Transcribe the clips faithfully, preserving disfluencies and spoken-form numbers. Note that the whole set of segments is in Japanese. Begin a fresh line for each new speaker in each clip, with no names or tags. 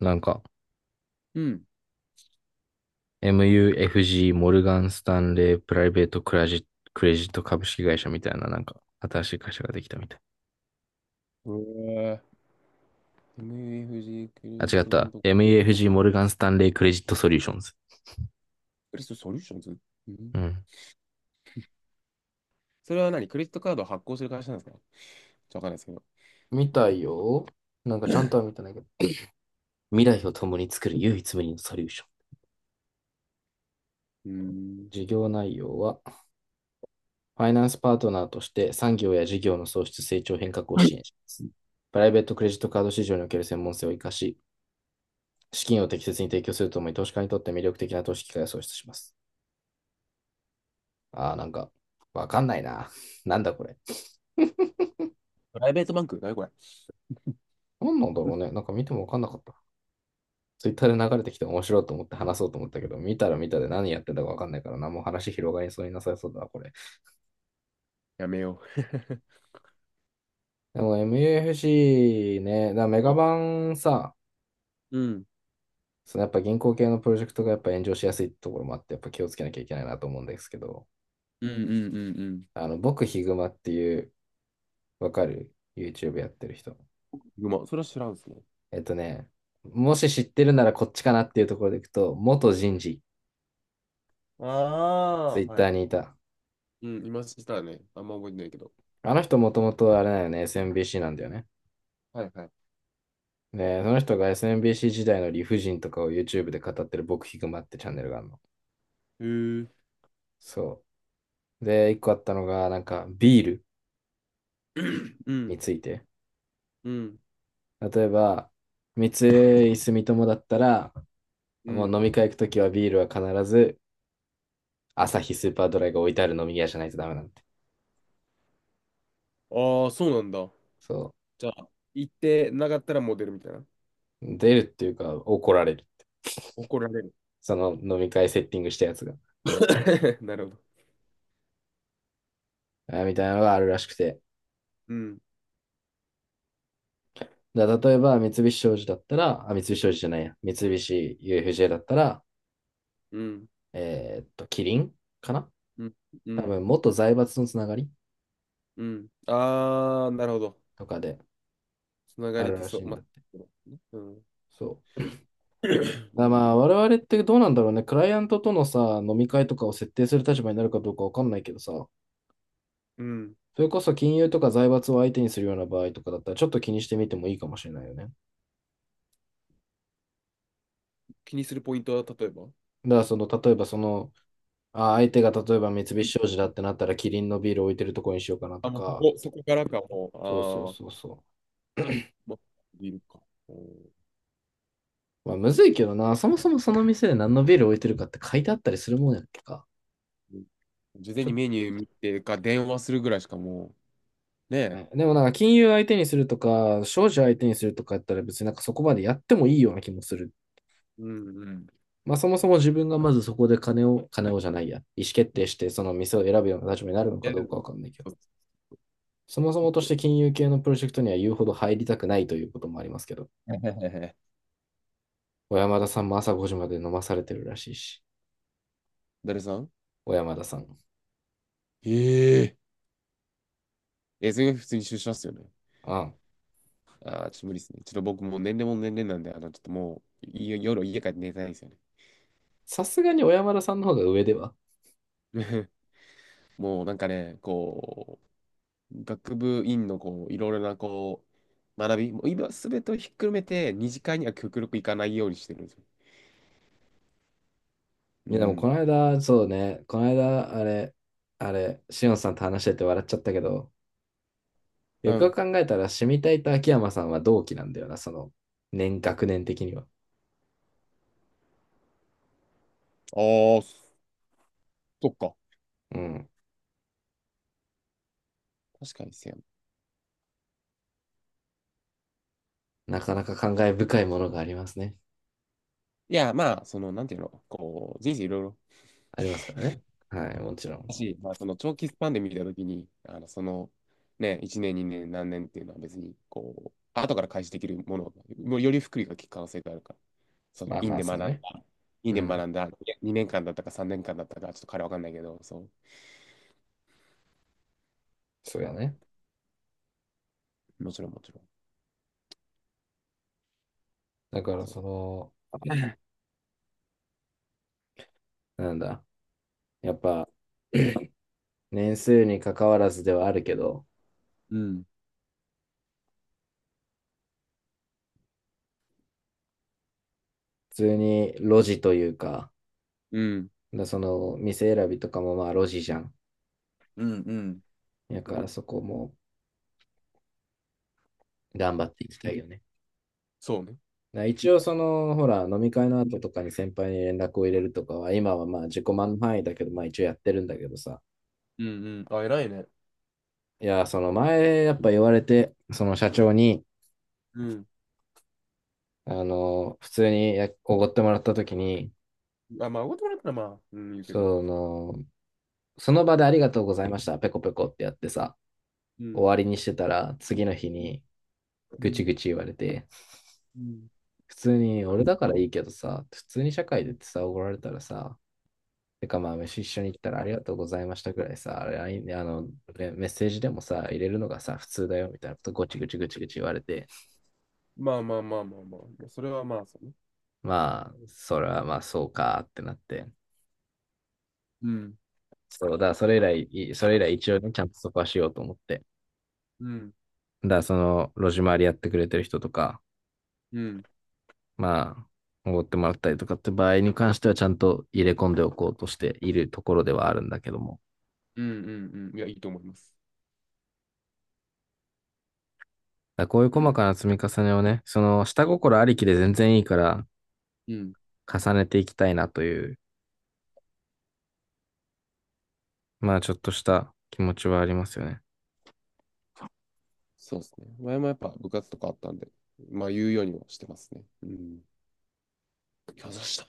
なんか、
うん。
エムユーエフジー、モルガン・スタンレー、プライベートクラジット、クレジット株式会社みたいな、なんか、新しい会社ができたみたい。
うわー、 m f g クレ
あ、
ジ
違
ッ
っ
トなん
た。
と、
エムユーエフジー、モルガン・スタンレー、クレジット・ソリューションズ。
クレジットソリューションズ。うん。
うん。
それは何、クレジットカードを発行する会社なんですか？ちょっとわかんないですけど。
見たいよ。なんかちゃんとは見てないけど。未来を共に作る唯一無二のソリューション。
うん。
事業内容は、ファイナンスパートナーとして産業や事業の創出成長変革を支援します。プライベートクレジットカード市場における専門性を生かし、資金を適切に提供するとともに投資家にとって魅力的な投資機会を創出します。ああ、なんか、わかんないな。なんだこれ。
プライベートバンク、何これ。
なんなんだろうね。なんか見てもわかんなかった。ツイッターで流れてきて面白いと思って話そうと思ったけど、見たら見たで何やってたかわかんないからな、何もう話広がりそうになさそうだな、これ。
やめよ
でも エムユーエフシー ね、だからメガ
う。
バンさ、
うん。
そのやっぱ銀行系のプロジェクトがやっぱ炎上しやすいところもあって、やっぱ気をつけなきゃいけないなと思うんですけど、
うんうんうんう
あの、僕ヒグマっていう、わかる？ YouTube やってる人。
ん。うま、それは知らんですね。
えっとね、もし知ってるならこっちかなっていうところでいくと、元人事、ツイ
ああ
ッ
ー、は
タ
い。
ーにいた。
うん、今知ったらね、あんま覚えてないけど。
あの人もともとあれだよね、エスエムビーシー なんだよね。
はいはい。
で、その人が エスエムビーシー 時代の理不尽とかを YouTube で語ってる僕ヒグマってチャンネルがあるの。
へえ。
そう。で、一個あったのが、なんかビール
う
に
ん、
ついて。
うん、
例えば、三井住友だったら、
う
もう
ん。
飲み会行くときはビールは必ず、アサヒスーパードライが置いてある飲み屋じゃないとダメなんて。
ああ、そうなんだ。
そ
じゃあ、行ってなかったらモデルみたいな。
う。出るっていうか、怒られる。
怒られる。
その飲み会セッティングしたやつが。
なるほど。
あみたいなのがあるらしくて。
うん。
だから例えば、三菱商事だったら、あ、三菱商事じゃないや。三菱 ユーエフジェー だったら、
うん、
えーっと、キリンかな、
うん、う
多
ん、
分、元財閥のつながり
うん。あー、なるほど。
とかで
つなが
あ
りっ
る
て
らし
そう、
いん
ま、
だって。
うん、
そう。だから
う
ま
ん、
あ、我々ってどうなんだろうね。クライアントとのさ、飲み会とかを設定する立場になるかどうかわかんないけどさ、
うん。
それこそ金融とか財閥を相手にするような場合とかだったら、ちょっと気にしてみてもいいかもしれないよね。
気にするポイントは、例えば、
だから、その、例えばその、あ、相手が例えば三菱
い、
商事だってなったら、キリンのビール置いてるとこにしようかなと
あ、もうそ
か、
こ、そこからか、
そうそう
も
そ
う、
うそう。
あー、ま、いるか。う
まあ、むずいけどな、そもそもその店で何のビール置いてるかって書いてあったりするもんやっけか。
ん、事前
ちょ
に
っ
メニュー見てか、電話するぐらいしかもう、ね
と
え。
ね。でもなんか金融相手にするとか、商事相手にするとかやったら別になんかそこまでやってもいいような気もする。
うんうん。
まあそもそも自分がまずそこで金を、金をじゃないや、意思決定してその店を選ぶような立場になるのか
や
どうか
る。
わかんないけど、
そう、ち
そもそ
ょ
も
っ
とし
と。
て金融系のプロジェクトには言うほど入りたくないということもありますけど、小山田さんも朝ごじまで飲まされてるらしいし、
誰さん？
小山田さん。
えええ、それが普通に出社っすよね。
ああ、
ああ、ちょっと無理ですね。ちょっと僕もう年齢も年齢なんで、あの、ちょっともう、い、夜家帰って寝たいんですよね。
さすがに小山田さんの方が上では。
もうなんかね、こう、学部院のこう、いろいろなこう、学び、もう今すべてをひっくるめて、二次会には極力行かないようにしてるんですよ。う
いや、でもこ
ん。
の間、そうね、この間、あれ、あれ、しおんさんと話してて笑っちゃったけど、
う
よくよく
ん。
考えたら、シミタイと秋山さんは同期なんだよな、その、年、学年的には。
ああ、そっか。
うん。
確かにですよ。
なかなか感慨深いものがありますね。
いや、まあ、その、なんていうの、こう、人生いろいろ
ありますからね。はい、もちろん。
だし、まあ、その長期スパンで見たときに、あのその、ね、いちねん、にねん、何年っていうのは別に、こう、後から開始できるもの、もうより福利が効く可能性があるから、その、
まあ
院
まあ、
で学
そ
ん
う
だ、
ね。
院
う
で
ん。
学んだ、にねんかんだったかさんねんかんだったか、ちょっと彼わかんないけど、そ
そうやね。
う、もちろん、もちろん。
だから、
そ
その、なんだ、やっぱ、年数に関わらずではあるけど、
う。うん。
普通に路地というか、
うん。
だその店選びとかもまあ路地じゃん。
うんうん。
だからそこも頑張っていきたいよね。
そうね。
だから一応その、ほら、飲み会の後とかに先輩に連絡を入れるとかは、今はまあ自己満の範囲だけど、まあ一応やってるんだけどさ。
うんうん。あ、偉いね。
いや、その前やっぱ言われて、その社長に、
うん。
あの、普通にやおごってもらった時に、
あ、まあ、おごいてもらったらまあ、うん、言うけど。
その、その場でありがとうございました、ペコペコってやってさ、
う
終
ん。
わりにしてたら、次の日
うん。
にぐちぐち言われて、
うん。
普通に俺だからいいけどさ、普通に社会
う
でっ
ん、
てさ、おごられたらさ、てかまあ飯一緒に行ったらありがとうございましたぐらいさ、ラインであのねメッセージでもさ、入れるのがさ、普通だよみたいなことごちごちごちごち言われて、
まあまあまあまあま、あ、それはまあ、そうね。
まあ、それはまあそうかってなって、
うん。
そう、だからそれ以来、それ以来一応ね、ちゃんとそこはしようと思って、
うん。
だからその路地回りやってくれてる人とか、
うん。
まあ、おごってもらったりとかって場合に関してはちゃんと入れ込んでおこうとしているところではあるんだけども。
うんうんうん。いや、いいと思います。
だこういう細かな積み重ねをね、その下心ありきで全然いいから
うん。
重ねていきたいなという、まあちょっとした気持ちはありますよね。
そうですね。前もやっぱ部活とかあったんで、まあ言うようにはしてますね。うん。いや、した。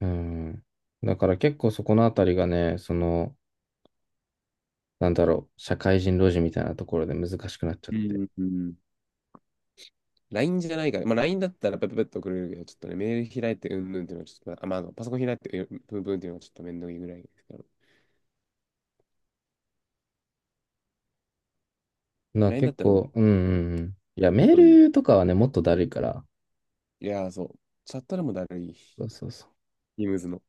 うん。だから結構そこのあたりがね、その、なんだろう、社会人路地みたいなところで難しくなっちゃっ
う
て。
んうん。ライン じゃないから、まあ ライン だったらペペペッと送れるけど、ちょっとね、メール開いてうんぬんっていうのはちょっと、あ、まあ、あのパソコン開いてうんぷんぷんっていうのはちょっとめんどいぐらいですけど、
な、
ライン だっ
結
たらね、
構、うんうんうん。いや、メー
送るんで。
ルとかはね、もっとだるいから。
いやー、そう。チャットでもだるい。
そうそうそ
イムズの。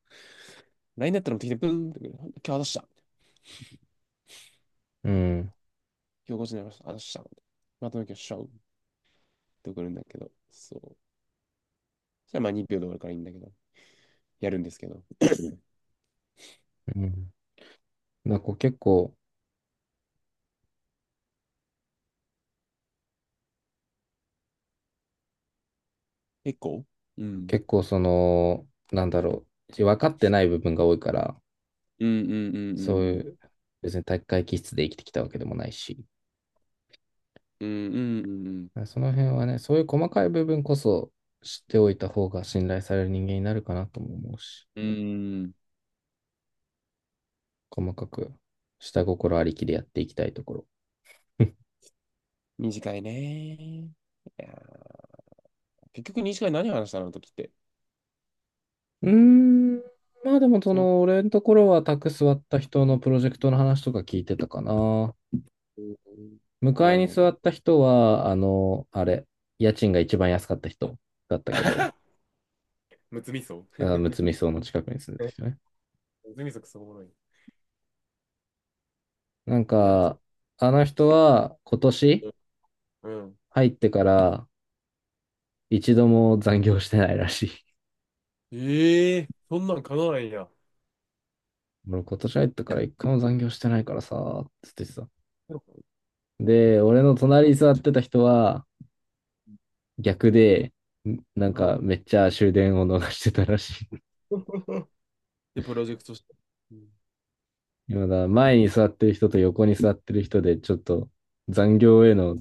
ライン だったらもってきて、ブーンってくる。今日渡した。
う。うん。
今日ごじになりました。渡した。まとめ今日しちゃうって送るんだけど、そう。じゃあまあにびょうで終わるからいいんだけど、やるんですけど。
うん。なんかこう結構、
結構、うん。
結構その、なんだろう、分かってない部分が多いから、
うんうんうん
そう
う
い
ん
う、別に体育会気質で生きてきたわけでもないし。
うん。うんうんうん
その辺はね、そういう細かい部分こそ知っておいた方が信頼される人間になるかなとも思うし、
うん。うん。
細かく下心ありきでやっていきたいところ。
短いね。いやー、結局短い、何話したのあの時って。
うーん、まあでもそ
そん、
の、俺のところは宅座った人のプロジェクトの話とか聞いてたかな。
うん、
迎
な
え
る
に
ほど。
座った人は、あの、あれ、家賃が一番安かった人だったけど、
むつみそ
あ、む
む
つみ荘の近くに住んでた人ね。
つみそ、くそおもろい。
なん
リアルト
か、あの人は今年
ゥ、うん。
入ってから一度も残業してないらしい。
ええ、そんなん叶わないんや。
俺今年入ったから一回も残業してないからさ、つってさ。で、俺の隣に座ってた人は逆で、なん
うん。
かめっちゃ終電を逃してたらしい。
で、プロジェクトして。うん。
今だ、前に座ってる人と横に座ってる人で、ちょっと残業への、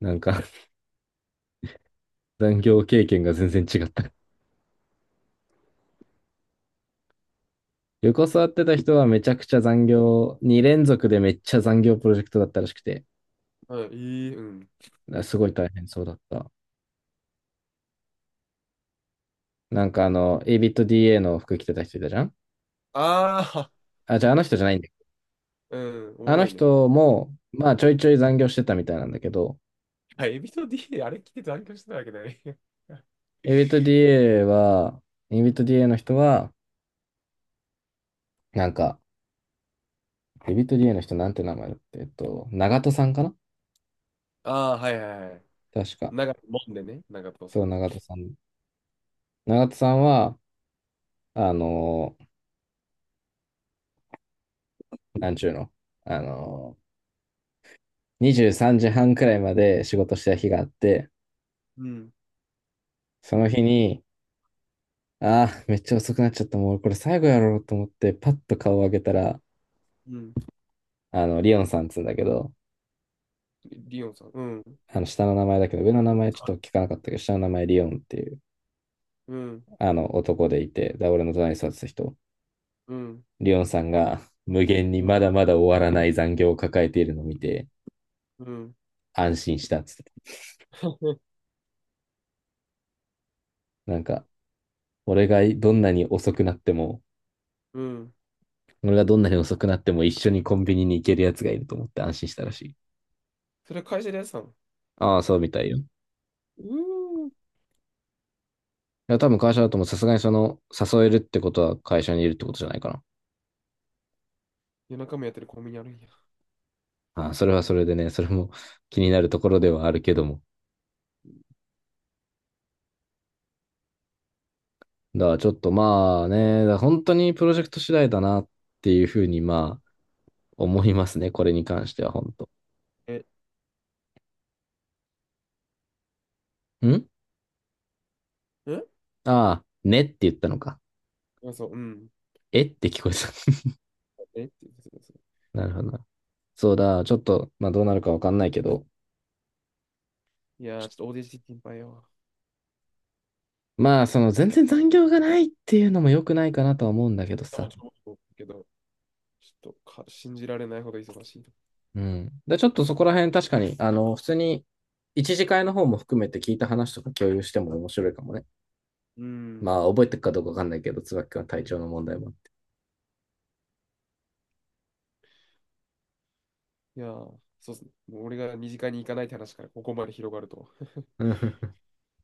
なんか、 残業経験が全然違った。横座ってた人はめちゃくちゃ残業、に連続でめっちゃ残業プロジェクトだったらしくて、
はい、いい、うん。
すごい大変そうだった。なんかあの、エイビット ディーエー の服着てた人いたじゃん。
ああ、
あ、じゃああの人じゃないんだ。
うん、おも
あの
ろいね。
人も、まあちょいちょい残業してたみたいなんだけど、
あ、エビと D であれ聞いてたあれかしてたわけだね。
エビと ディーエー は、エビと ディーエー の人は、なんか、エビと ディーエー の人なんて名前だって、えっと、長戸さんかな、
ああ、はいはいはい。
確か。
長いもんでね、長藤さ
そう、
ん。
長戸さん。長戸さんは、あのーなんちゅうの、あのー、にじゅうさんじはんくらいまで仕事してた日があって、
うん、
その日に、ああ、めっちゃ遅くなっちゃった。もうこれ最後やろうと思って、パッと顔を上げたら、
うん。
あの、リオンさんっつうんだけど、
リオンさん。うん、
あの下の名前だけど、上の名前ちょっと聞かなかったけど、下の名前リオンっていう、
うん、
あの男でいて、で、俺の隣に座ってた人、
うん、
リオンさんが無限に
うん、
まだまだ終わらない残業を抱えているのを見て、
うん。
安心したっつって、 なんか、俺がどんなに遅くなっても、
うん。
俺がどんなに遅くなっても一緒にコンビニに行けるやつがいると思って安心したらしい。
それは会社でやってたの？
ああ、そうみたいよ。い
うーん。
や、多分会社だともさすがにその、誘えるってことは会社にいるってことじゃないかな。
夜中もやってるコンビニあるんや。
ああ、それはそれでね、それも気になるところではあるけども、だからちょっとまあね、だから本当にプロジェクト次第だなっていうふうにまあ思いますね、これに関しては本当。
え、
ん
え、
ああ、ねって言ったのか。
あ、そう、うん。
えって聞こえた。
えって言ってたやつ。
なるほどな。そうだ、ちょっとまあどうなるかわかんないけど。
いやー、ちょっとオーディション心配よ。
まあその全然残業がないっていうのも良くないかなとは思うんだけど
でもう
さ。
ちょっと、けど、ちょっとか信じられないほど忙しいと。
うん。で、ちょっとそこら辺確かに、あの、普通に一次会の方も含めて聞いた話とか共有しても面白いかもね。
うん。
まあ覚えてるかどうかわかんないけど、椿君は体調の問題もあって。
いやー、そうっすね。もう俺が二次会に行かないって話からここまで広がるとは。
うん、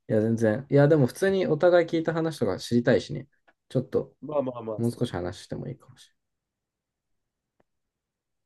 いや、全然。いや、でも普通にお互い聞いた話とか知りたいしね。ちょっと、
まあまあまあ、
もう
そ
少
の
し話してもいいかもしれない。